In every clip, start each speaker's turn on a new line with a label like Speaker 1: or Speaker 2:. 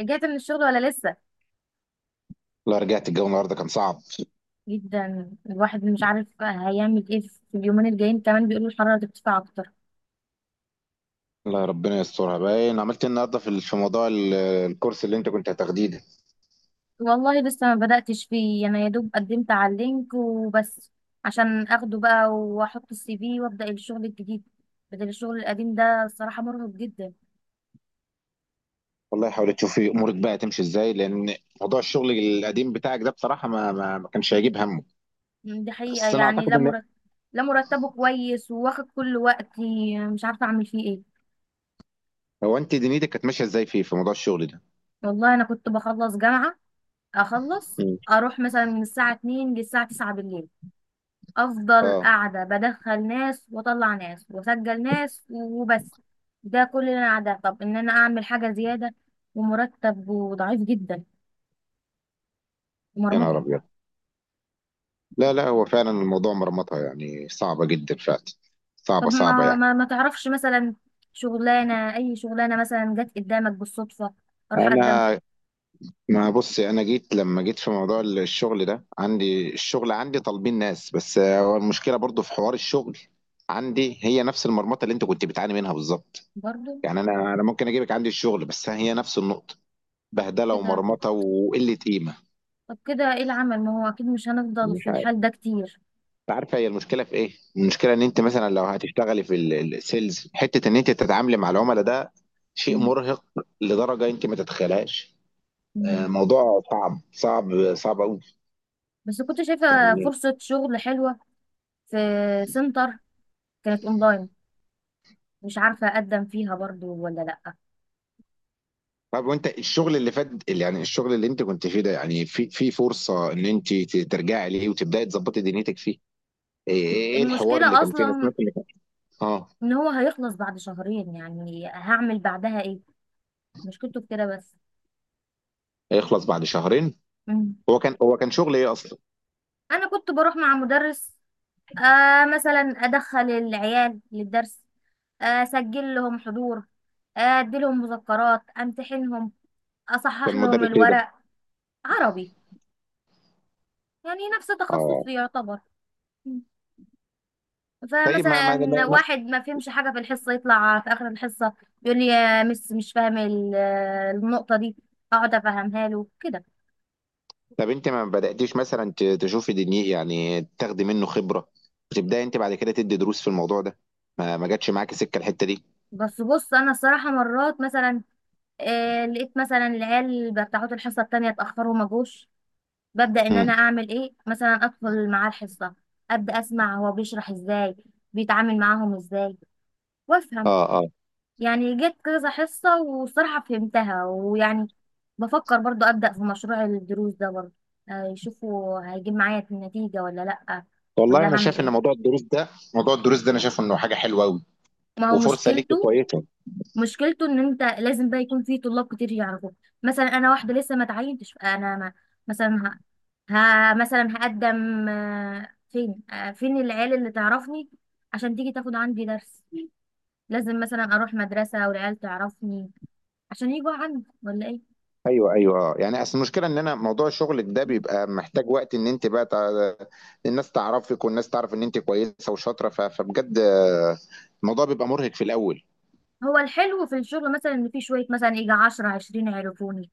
Speaker 1: رجعت من الشغل ولا لسه؟
Speaker 2: لا، رجعت. الجو النهارده كان صعب.
Speaker 1: جدا، الواحد مش عارف هيعمل ايه في اليومين الجايين، كمان بيقولوا الحرارة ترتفع اكتر.
Speaker 2: لا، ربنا يسترها. باين عملت ايه النهارده في موضوع ال- الكورس اللي انت كنت هتاخديه ده.
Speaker 1: والله لسه ما بدأتش فيه، انا يا دوب قدمت على اللينك وبس، عشان اخده بقى واحط السي في وابدأ الشغل الجديد بدل الشغل القديم ده. الصراحة مرهق جدا.
Speaker 2: والله حاول تشوف إيه امورك بقى تمشي ازاي، لان موضوع الشغل القديم بتاعك ده بصراحه ما كانش هيجيب همه.
Speaker 1: دي حقيقة
Speaker 2: بس انا
Speaker 1: يعني،
Speaker 2: اعتقد
Speaker 1: لا
Speaker 2: ان
Speaker 1: مرتب. لا مرتبه كويس وواخد كل وقتي، مش عارفة اعمل فيه ايه.
Speaker 2: هو انت دنيتك كانت ماشيه ازاي فيه في موضوع الشغل ده.
Speaker 1: والله انا كنت بخلص جامعة، اخلص
Speaker 2: مم.
Speaker 1: اروح مثلا من الساعة 2 للساعة 9 بالليل. افضل
Speaker 2: اه.
Speaker 1: قاعده بدخل ناس واطلع ناس واسجل ناس وبس. ده كل اللي انا قاعده. طب ان انا اعمل حاجه زياده؟ ومرتب وضعيف جدا،
Speaker 2: يا نهار
Speaker 1: ومرمطه.
Speaker 2: ابيض. لا هو فعلا الموضوع مرمطه، يعني صعبه جدا فعلا.
Speaker 1: طب
Speaker 2: صعبه
Speaker 1: ما
Speaker 2: يعني.
Speaker 1: ما, ما تعرفش مثلا شغلانه، اي شغلانه مثلا جت قدامك بالصدفه، اروح اقدم فيها.
Speaker 2: انا ما بص، انا جيت لما جيت في موضوع الشغل ده، عندي الشغل، عندي طالبين ناس، بس هو المشكله برضو في حوار الشغل عندي هي نفس المرمطه اللي انت كنت بتعاني منها بالظبط.
Speaker 1: برضه.
Speaker 2: يعني انا ممكن اجيبك عندي الشغل، بس هي نفس النقطه،
Speaker 1: طب
Speaker 2: بهدله
Speaker 1: كده،
Speaker 2: ومرمطه وقله قيمه.
Speaker 1: طب كده ايه العمل؟ ما هو اكيد مش هنفضل في
Speaker 2: مش عارف.
Speaker 1: الحال ده كتير.
Speaker 2: أنت عارفه هي المشكله في ايه؟ المشكله ان انت
Speaker 1: ايه.
Speaker 2: مثلا لو هتشتغلي في ال- السيلز، حته ان انت تتعاملي مع العملاء ده شيء
Speaker 1: م-
Speaker 2: مرهق لدرجه انت ما تتخيلهاش.
Speaker 1: م.
Speaker 2: آه، موضوع صعب
Speaker 1: بس كنت شايفه
Speaker 2: قوي.
Speaker 1: فرصه شغل حلوه في سنتر، كانت اونلاين، مش عارفة أقدم فيها برضو ولا لأ.
Speaker 2: طب وانت الشغل اللي فات، اللي يعني الشغل اللي انت كنت فيه ده، يعني في في فرصة ان انت ترجعي ليه وتبداي تظبطي دنيتك فيه؟ ايه ايه ايه الحوار اللي
Speaker 1: المشكلة
Speaker 2: كان فيه؟ انا سمعت
Speaker 1: أصلا
Speaker 2: اللي كان. اه.
Speaker 1: إن هو هيخلص بعد شهرين، يعني هعمل بعدها إيه؟ مشكلته في كده بس.
Speaker 2: هيخلص بعد شهرين؟
Speaker 1: مم.
Speaker 2: هو كان شغل ايه اصلا؟
Speaker 1: أنا كنت بروح مع مدرس، مثلا أدخل العيال للدرس، أسجل لهم حضور، أديلهم مذكرات، أمتحنهم، أصحح
Speaker 2: كان
Speaker 1: لهم
Speaker 2: مدرس ايه ده؟
Speaker 1: الورق. عربي، يعني نفس
Speaker 2: اه.
Speaker 1: تخصصي يعتبر.
Speaker 2: طيب
Speaker 1: فمثلا واحد ما فهمش حاجة في الحصة يطلع في آخر الحصة يقول لي يا مس مش فاهم النقطة دي، أقعد أفهمها له كده.
Speaker 2: طب انت ما بداتيش مثلا تشوفي دنيا، يعني تاخدي منه خبرة وتبداي انت بعد كده تدي دروس في الموضوع ده؟ ما جاتش معاكي سكة الحتة دي؟
Speaker 1: بس بص أنا الصراحة مرات مثلا لقيت مثلا العيال بتاعت الحصة التانية اتأخروا ما جوش، ببدأ إن أنا
Speaker 2: امم.
Speaker 1: أعمل إيه، مثلا أدخل معاه الحصة، أبدأ أسمع هو بيشرح إزاي، بيتعامل معاهم إزاي، وأفهم.
Speaker 2: اه اه.
Speaker 1: يعني جت كذا حصة وصراحة فهمتها، ويعني بفكر برضو أبدأ في مشروع الدروس ده برضو، يشوفوا هيجيب معايا النتيجة ولا لأ،
Speaker 2: والله
Speaker 1: ولا
Speaker 2: انا
Speaker 1: هعمل
Speaker 2: شايف ان
Speaker 1: ايه.
Speaker 2: موضوع الدروس ده، انا شايف انه حاجة حلوة قوي
Speaker 1: ما هو
Speaker 2: وفرصة ليكي
Speaker 1: مشكلته،
Speaker 2: كويسة.
Speaker 1: مشكلته ان انت لازم بقى يكون في طلاب كتير يعرفوك. مثلا انا واحدة لسه ما اتعينتش، انا ما مثلا ه... مثلا هقدم فين، فين العيال اللي تعرفني عشان تيجي تاخد عندي درس؟ لازم مثلا اروح مدرسة والعيال تعرفني عشان يجوا عندي ولا ايه.
Speaker 2: ايوه ايوه اه. يعني اصل المشكله ان انا موضوع شغلك ده بيبقى محتاج وقت ان انت بقى تع... الناس تعرفك، والناس تعرف ان انت كويسه وشاطره، فبجد آه، الموضوع بيبقى مرهق في الاول.
Speaker 1: هو الحلو في الشغل مثلا ان في شويه مثلا يجي 10 20 يعرفوني.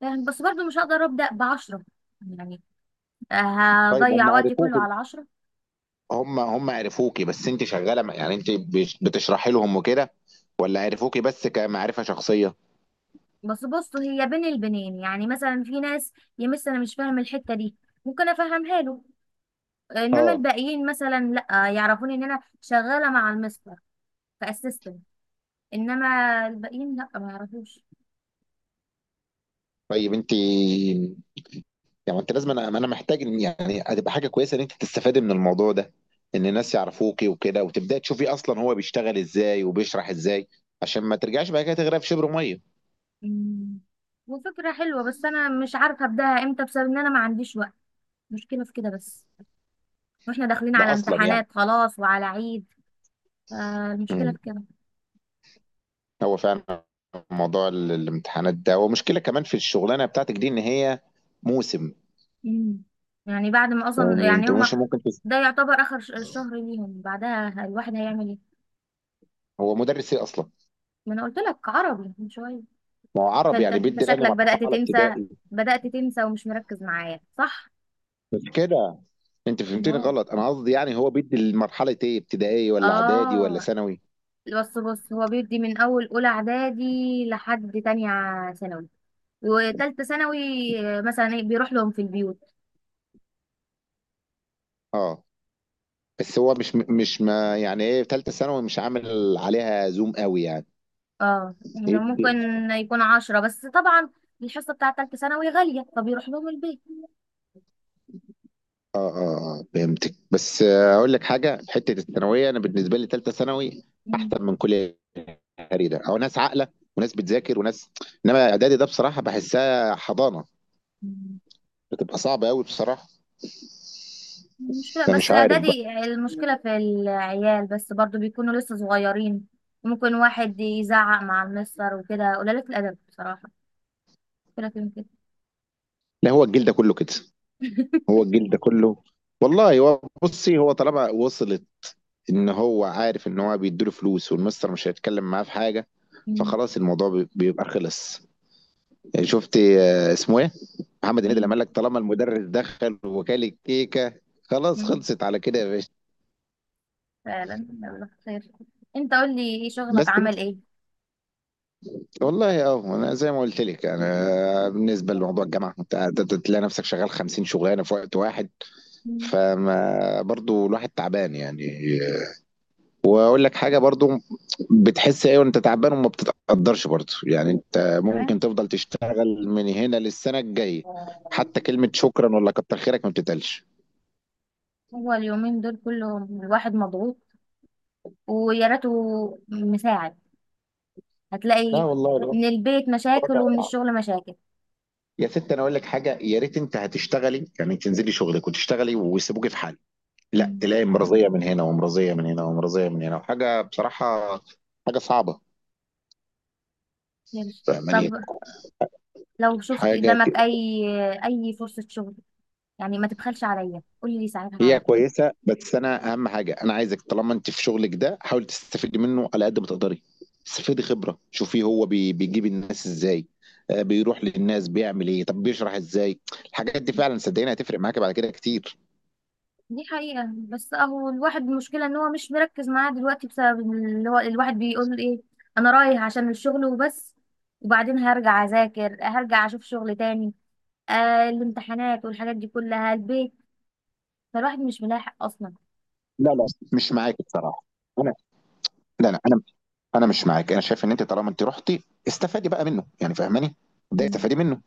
Speaker 1: فاهم؟ بس برضو مش هقدر ابدا ب 10 يعني،
Speaker 2: طيب
Speaker 1: هضيع
Speaker 2: هم
Speaker 1: وقتي كله
Speaker 2: عرفوكي؟
Speaker 1: على 10.
Speaker 2: هم عرفوكي بس انت شغاله يعني انت بتشرحي لهم وكده، ولا عرفوكي بس كمعرفه شخصيه؟
Speaker 1: بس بص هي بين البنين، يعني مثلا في ناس يا مس انا مش فاهم الحته دي، ممكن افهمها له. انما
Speaker 2: اه.
Speaker 1: الباقيين مثلا لا يعرفوني ان انا شغاله مع المستر كاسيستنت. انما الباقيين لا ما يعرفوش.
Speaker 2: طيب انت يعني انت لازم، انا محتاج، ان يعني هتبقى حاجه كويسه ان انت تستفادي من الموضوع ده، ان الناس يعرفوكي وكده، وتبداي تشوفي اصلا هو بيشتغل ازاي وبيشرح ازاي، عشان ما ترجعش بعد كده تغرق في شبر ميه.
Speaker 1: أمم. وفكره حلوه، بس انا مش عارفه ابداها امتى بسبب ان انا ما عنديش وقت، مشكله في كده بس. واحنا داخلين
Speaker 2: ده
Speaker 1: على
Speaker 2: اصلا يعني
Speaker 1: امتحانات خلاص وعلى عيد. فالمشكلة
Speaker 2: مم.
Speaker 1: في كده.
Speaker 2: هو فعلا موضوع ال- الامتحانات ده، ومشكله كمان في الشغلانه بتاعتك دي ان هي موسم.
Speaker 1: مم. يعني بعد ما اصلا
Speaker 2: يعني
Speaker 1: يعني
Speaker 2: انت مش
Speaker 1: هما،
Speaker 2: ممكن تس...
Speaker 1: ده يعتبر اخر شهر ليهم، بعدها الواحد هيعمل ايه؟
Speaker 2: هو مدرس ايه اصلا؟
Speaker 1: ما انا قلت لك عربي من شوية.
Speaker 2: ما هو
Speaker 1: انت
Speaker 2: عربي،
Speaker 1: انت
Speaker 2: يعني
Speaker 1: انت
Speaker 2: بيدي الاني
Speaker 1: شكلك بدأت
Speaker 2: مرحله
Speaker 1: تنسى،
Speaker 2: ابتدائي؟
Speaker 1: بدأت تنسى ومش مركز معايا صح.
Speaker 2: مش كده، انت فهمتني
Speaker 1: امال.
Speaker 2: غلط. انا قصدي يعني هو بيدي المرحله ايه، ابتدائي ولا اعدادي ولا
Speaker 1: اه.
Speaker 2: ثانوي؟
Speaker 1: بص بص، هو بيدي من اول اولى اعدادي لحد تانية ثانوي وتالتة ثانوي. مثلا بيروح لهم في البيوت.
Speaker 2: اه. بس هو مش مش ما يعني ايه في ثالثه ثانوي مش عامل عليها زوم قوي يعني؟
Speaker 1: اه يعني ممكن
Speaker 2: يدي-
Speaker 1: يكون عشرة بس طبعا. الحصة بتاعة تالتة ثانوي غالية فبيروح لهم البيت.
Speaker 2: اه اه اه فهمتك. بس آه، اقول لك حاجه، في حته الثانويه، انا بالنسبه لي ثالثه ثانوي
Speaker 1: مم.
Speaker 2: احسن من كل تقريبا، او ناس عاقله وناس بتذاكر وناس. انما اعدادي ده بصراحه بحسها حضانه،
Speaker 1: مم.
Speaker 2: بتبقى صعبه قوي بصراحه.
Speaker 1: المشكلة
Speaker 2: انا
Speaker 1: بس
Speaker 2: مش عارف بقى.
Speaker 1: إعدادي، المشكلة في العيال، بس برضو بيكونوا لسه صغيرين، ممكن واحد يزعق مع المستر وكده، قليلة الأدب بصراحة. كده كده كده.
Speaker 2: لا، هو الجيل ده كله كده. هو الجيل ده كله. والله هو بصي، هو طالما وصلت ان هو عارف ان هو بيديله فلوس والمستر مش هيتكلم معاه في حاجه،
Speaker 1: مم.
Speaker 2: فخلاص الموضوع بيبقى خلص. يعني شفت آه، اسمه ايه، محمد هنيدي لما
Speaker 1: مم.
Speaker 2: قال لك طالما المدرس دخل وكال الكيكه خلاص
Speaker 1: مم.
Speaker 2: خلصت على كده يا باشا.
Speaker 1: فعلا. يلا خير، انت قول لي ايه شغلك
Speaker 2: بس انت
Speaker 1: عمل ايه.
Speaker 2: والله اه، انا زي ما قلت لك، انا بالنسبه لموضوع الجامعه، انت تلاقي نفسك شغال 50 شغلانه في وقت واحد.
Speaker 1: مم.
Speaker 2: فما برضو الواحد تعبان يعني. واقول لك حاجه برضو، بتحس ايه وانت تعبان وما بتتقدرش برضو، يعني انت
Speaker 1: تمام.
Speaker 2: ممكن تفضل تشتغل من هنا للسنه الجايه حتى كلمه شكرا ولا كتر خيرك ما بتتقالش.
Speaker 1: هو اليومين دول كلهم الواحد مضغوط، ويا ريته مساعد.
Speaker 2: لا،
Speaker 1: هتلاقي
Speaker 2: والله الوضع،
Speaker 1: من البيت مشاكل
Speaker 2: الوضع
Speaker 1: ومن
Speaker 2: صعب.
Speaker 1: الشغل مشاكل.
Speaker 2: يا ست، انا اقول لك حاجه، يا ريت انت هتشتغلي يعني تنزلي شغلك وتشتغلي ويسيبوكي في حالك. لا،
Speaker 1: مم.
Speaker 2: تلاقي مرضيه من هنا ومرضيه من هنا ومرضيه من هنا، وحاجه بصراحه حاجه صعبه.
Speaker 1: غير- طب
Speaker 2: فاهماني
Speaker 1: لو شفت
Speaker 2: حاجه؟
Speaker 1: قدامك اي، اي فرصة شغل، يعني ما تبخلش عليا قولي لي ساعتها على
Speaker 2: هي
Speaker 1: طول.
Speaker 2: كويسه، بس انا اهم حاجه انا عايزك طالما انت في شغلك ده حاول تستفيدي منه على قد ما تقدري. استفيدي خبره، شوفي هو بيجيب الناس ازاي، آه، بيروح للناس بيعمل ايه، طب بيشرح ازاي. الحاجات دي فعلا صدقيني هتفرق معاكي بعد كده كتير.
Speaker 1: دي حقيقة، بس اهو الواحد المشكلة ان هو مش مركز معاه دلوقتي بسبب اللي هو الواحد بيقول ايه، انا رايح عشان الشغل وبس، وبعدين هرجع اذاكر، هرجع اشوف شغل تاني. آه الامتحانات والحاجات دي كلها، البيت، فالواحد مش ملاحق اصلا.
Speaker 2: لا مش معاك بصراحه. انا لا انا، انا مش معاك. انا شايف ان انت طالما انت رحتي، استفادي بقى منه يعني، فاهماني؟ ده
Speaker 1: مم.
Speaker 2: استفادي منه،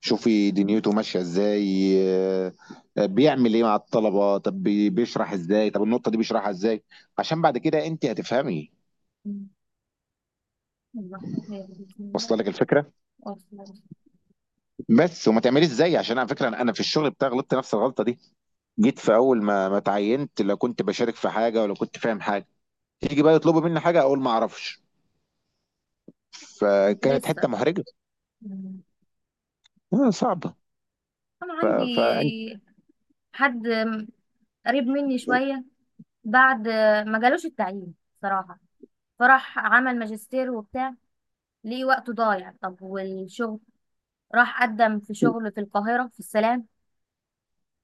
Speaker 2: شوفي دنيته ماشيه ازاي، آه، آه، بيعمل ايه مع الطلبه، طب بيشرح ازاي، طب النقطه دي بيشرحها ازاي، عشان بعد كده انت هتفهمي.
Speaker 1: مم. والله بسم الله.
Speaker 2: واصله لك الفكره؟
Speaker 1: واصلة.
Speaker 2: بس وما تعمليش زيي، عشان على فكره انا، في الشغل بتاعي غلطت نفس الغلطه دي. جيت في اول ما اتعينت، لا كنت بشارك في حاجه ولا كنت فاهم حاجه. تيجي بقى يطلبوا مني حاجه اقول ما اعرفش،
Speaker 1: كنت
Speaker 2: فكانت حته
Speaker 1: لسه.
Speaker 2: محرجه،
Speaker 1: مم.
Speaker 2: آه، صعبه.
Speaker 1: انا
Speaker 2: ف- فانت،
Speaker 1: عندي حد قريب مني شويه، بعد ما جالوش التعيين صراحه، فراح عمل ماجستير وبتاع، لقي وقته ضايع. طب والشغل، راح قدم في شغل في القاهره في السلام،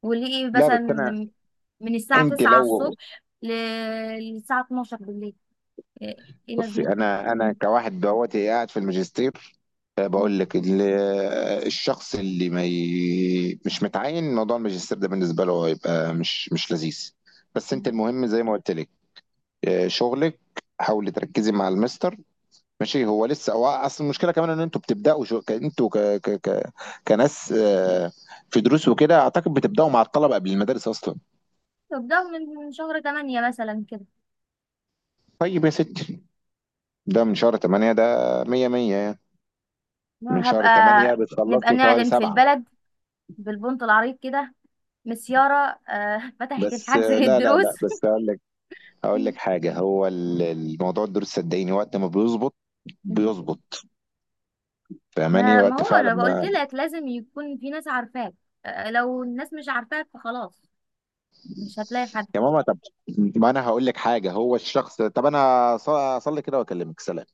Speaker 1: ولقي
Speaker 2: لا بس انا،
Speaker 1: مثلا من الساعه
Speaker 2: انت
Speaker 1: 9
Speaker 2: لو،
Speaker 1: الصبح للساعه 12 بالليل، ايه إيه
Speaker 2: بصي
Speaker 1: لازمتها.
Speaker 2: انا،
Speaker 1: مم.
Speaker 2: كواحد دلوقتي قاعد في الماجستير، آه،
Speaker 1: مم.
Speaker 2: بقول لك ال- آه، الشخص اللي ما ي... مش متعين، موضوع الماجستير ده بالنسبه له هيبقى مش لذيذ. بس انت
Speaker 1: مم.
Speaker 2: المهم زي ما قلت لك، آه، شغلك حاولي تركزي مع المستر، ماشي. هو لسه، هو اصل المشكله كمان ان انتوا بتبداوا شو... ك- انتوا ك... ك... ك... كناس آه، في دروس وكده، اعتقد بتبداوا مع الطلبه قبل المدارس اصلا.
Speaker 1: طب ده من شهر 8 مثلا كده،
Speaker 2: طيب يا ستي ده من شهر 8 ده، 100 100 يعني. من
Speaker 1: هبقى
Speaker 2: شهر 8
Speaker 1: نبقى
Speaker 2: بتخلصوا شهر
Speaker 1: نعلن في
Speaker 2: 7.
Speaker 1: البلد بالبنط العريض كده، مس يارا فتحت
Speaker 2: بس
Speaker 1: الحجز
Speaker 2: آه، لا لا
Speaker 1: للدروس
Speaker 2: لا بس هقول لك، هقول لك حاجه، هو ال- الموضوع الدروس صدقيني وقت ما بيظبط بيظبط. فاهماني؟
Speaker 1: ما
Speaker 2: وقت
Speaker 1: هو
Speaker 2: فعلا
Speaker 1: انا قلت
Speaker 2: ما،
Speaker 1: لك لازم يكون في ناس عارفاك، لو الناس مش عارفاك فخلاص مش هتلاقي حد.
Speaker 2: يا ماما طب ما انا هقول لك حاجه، هو الشخص طب انا اصلي كده واكلمك سلام.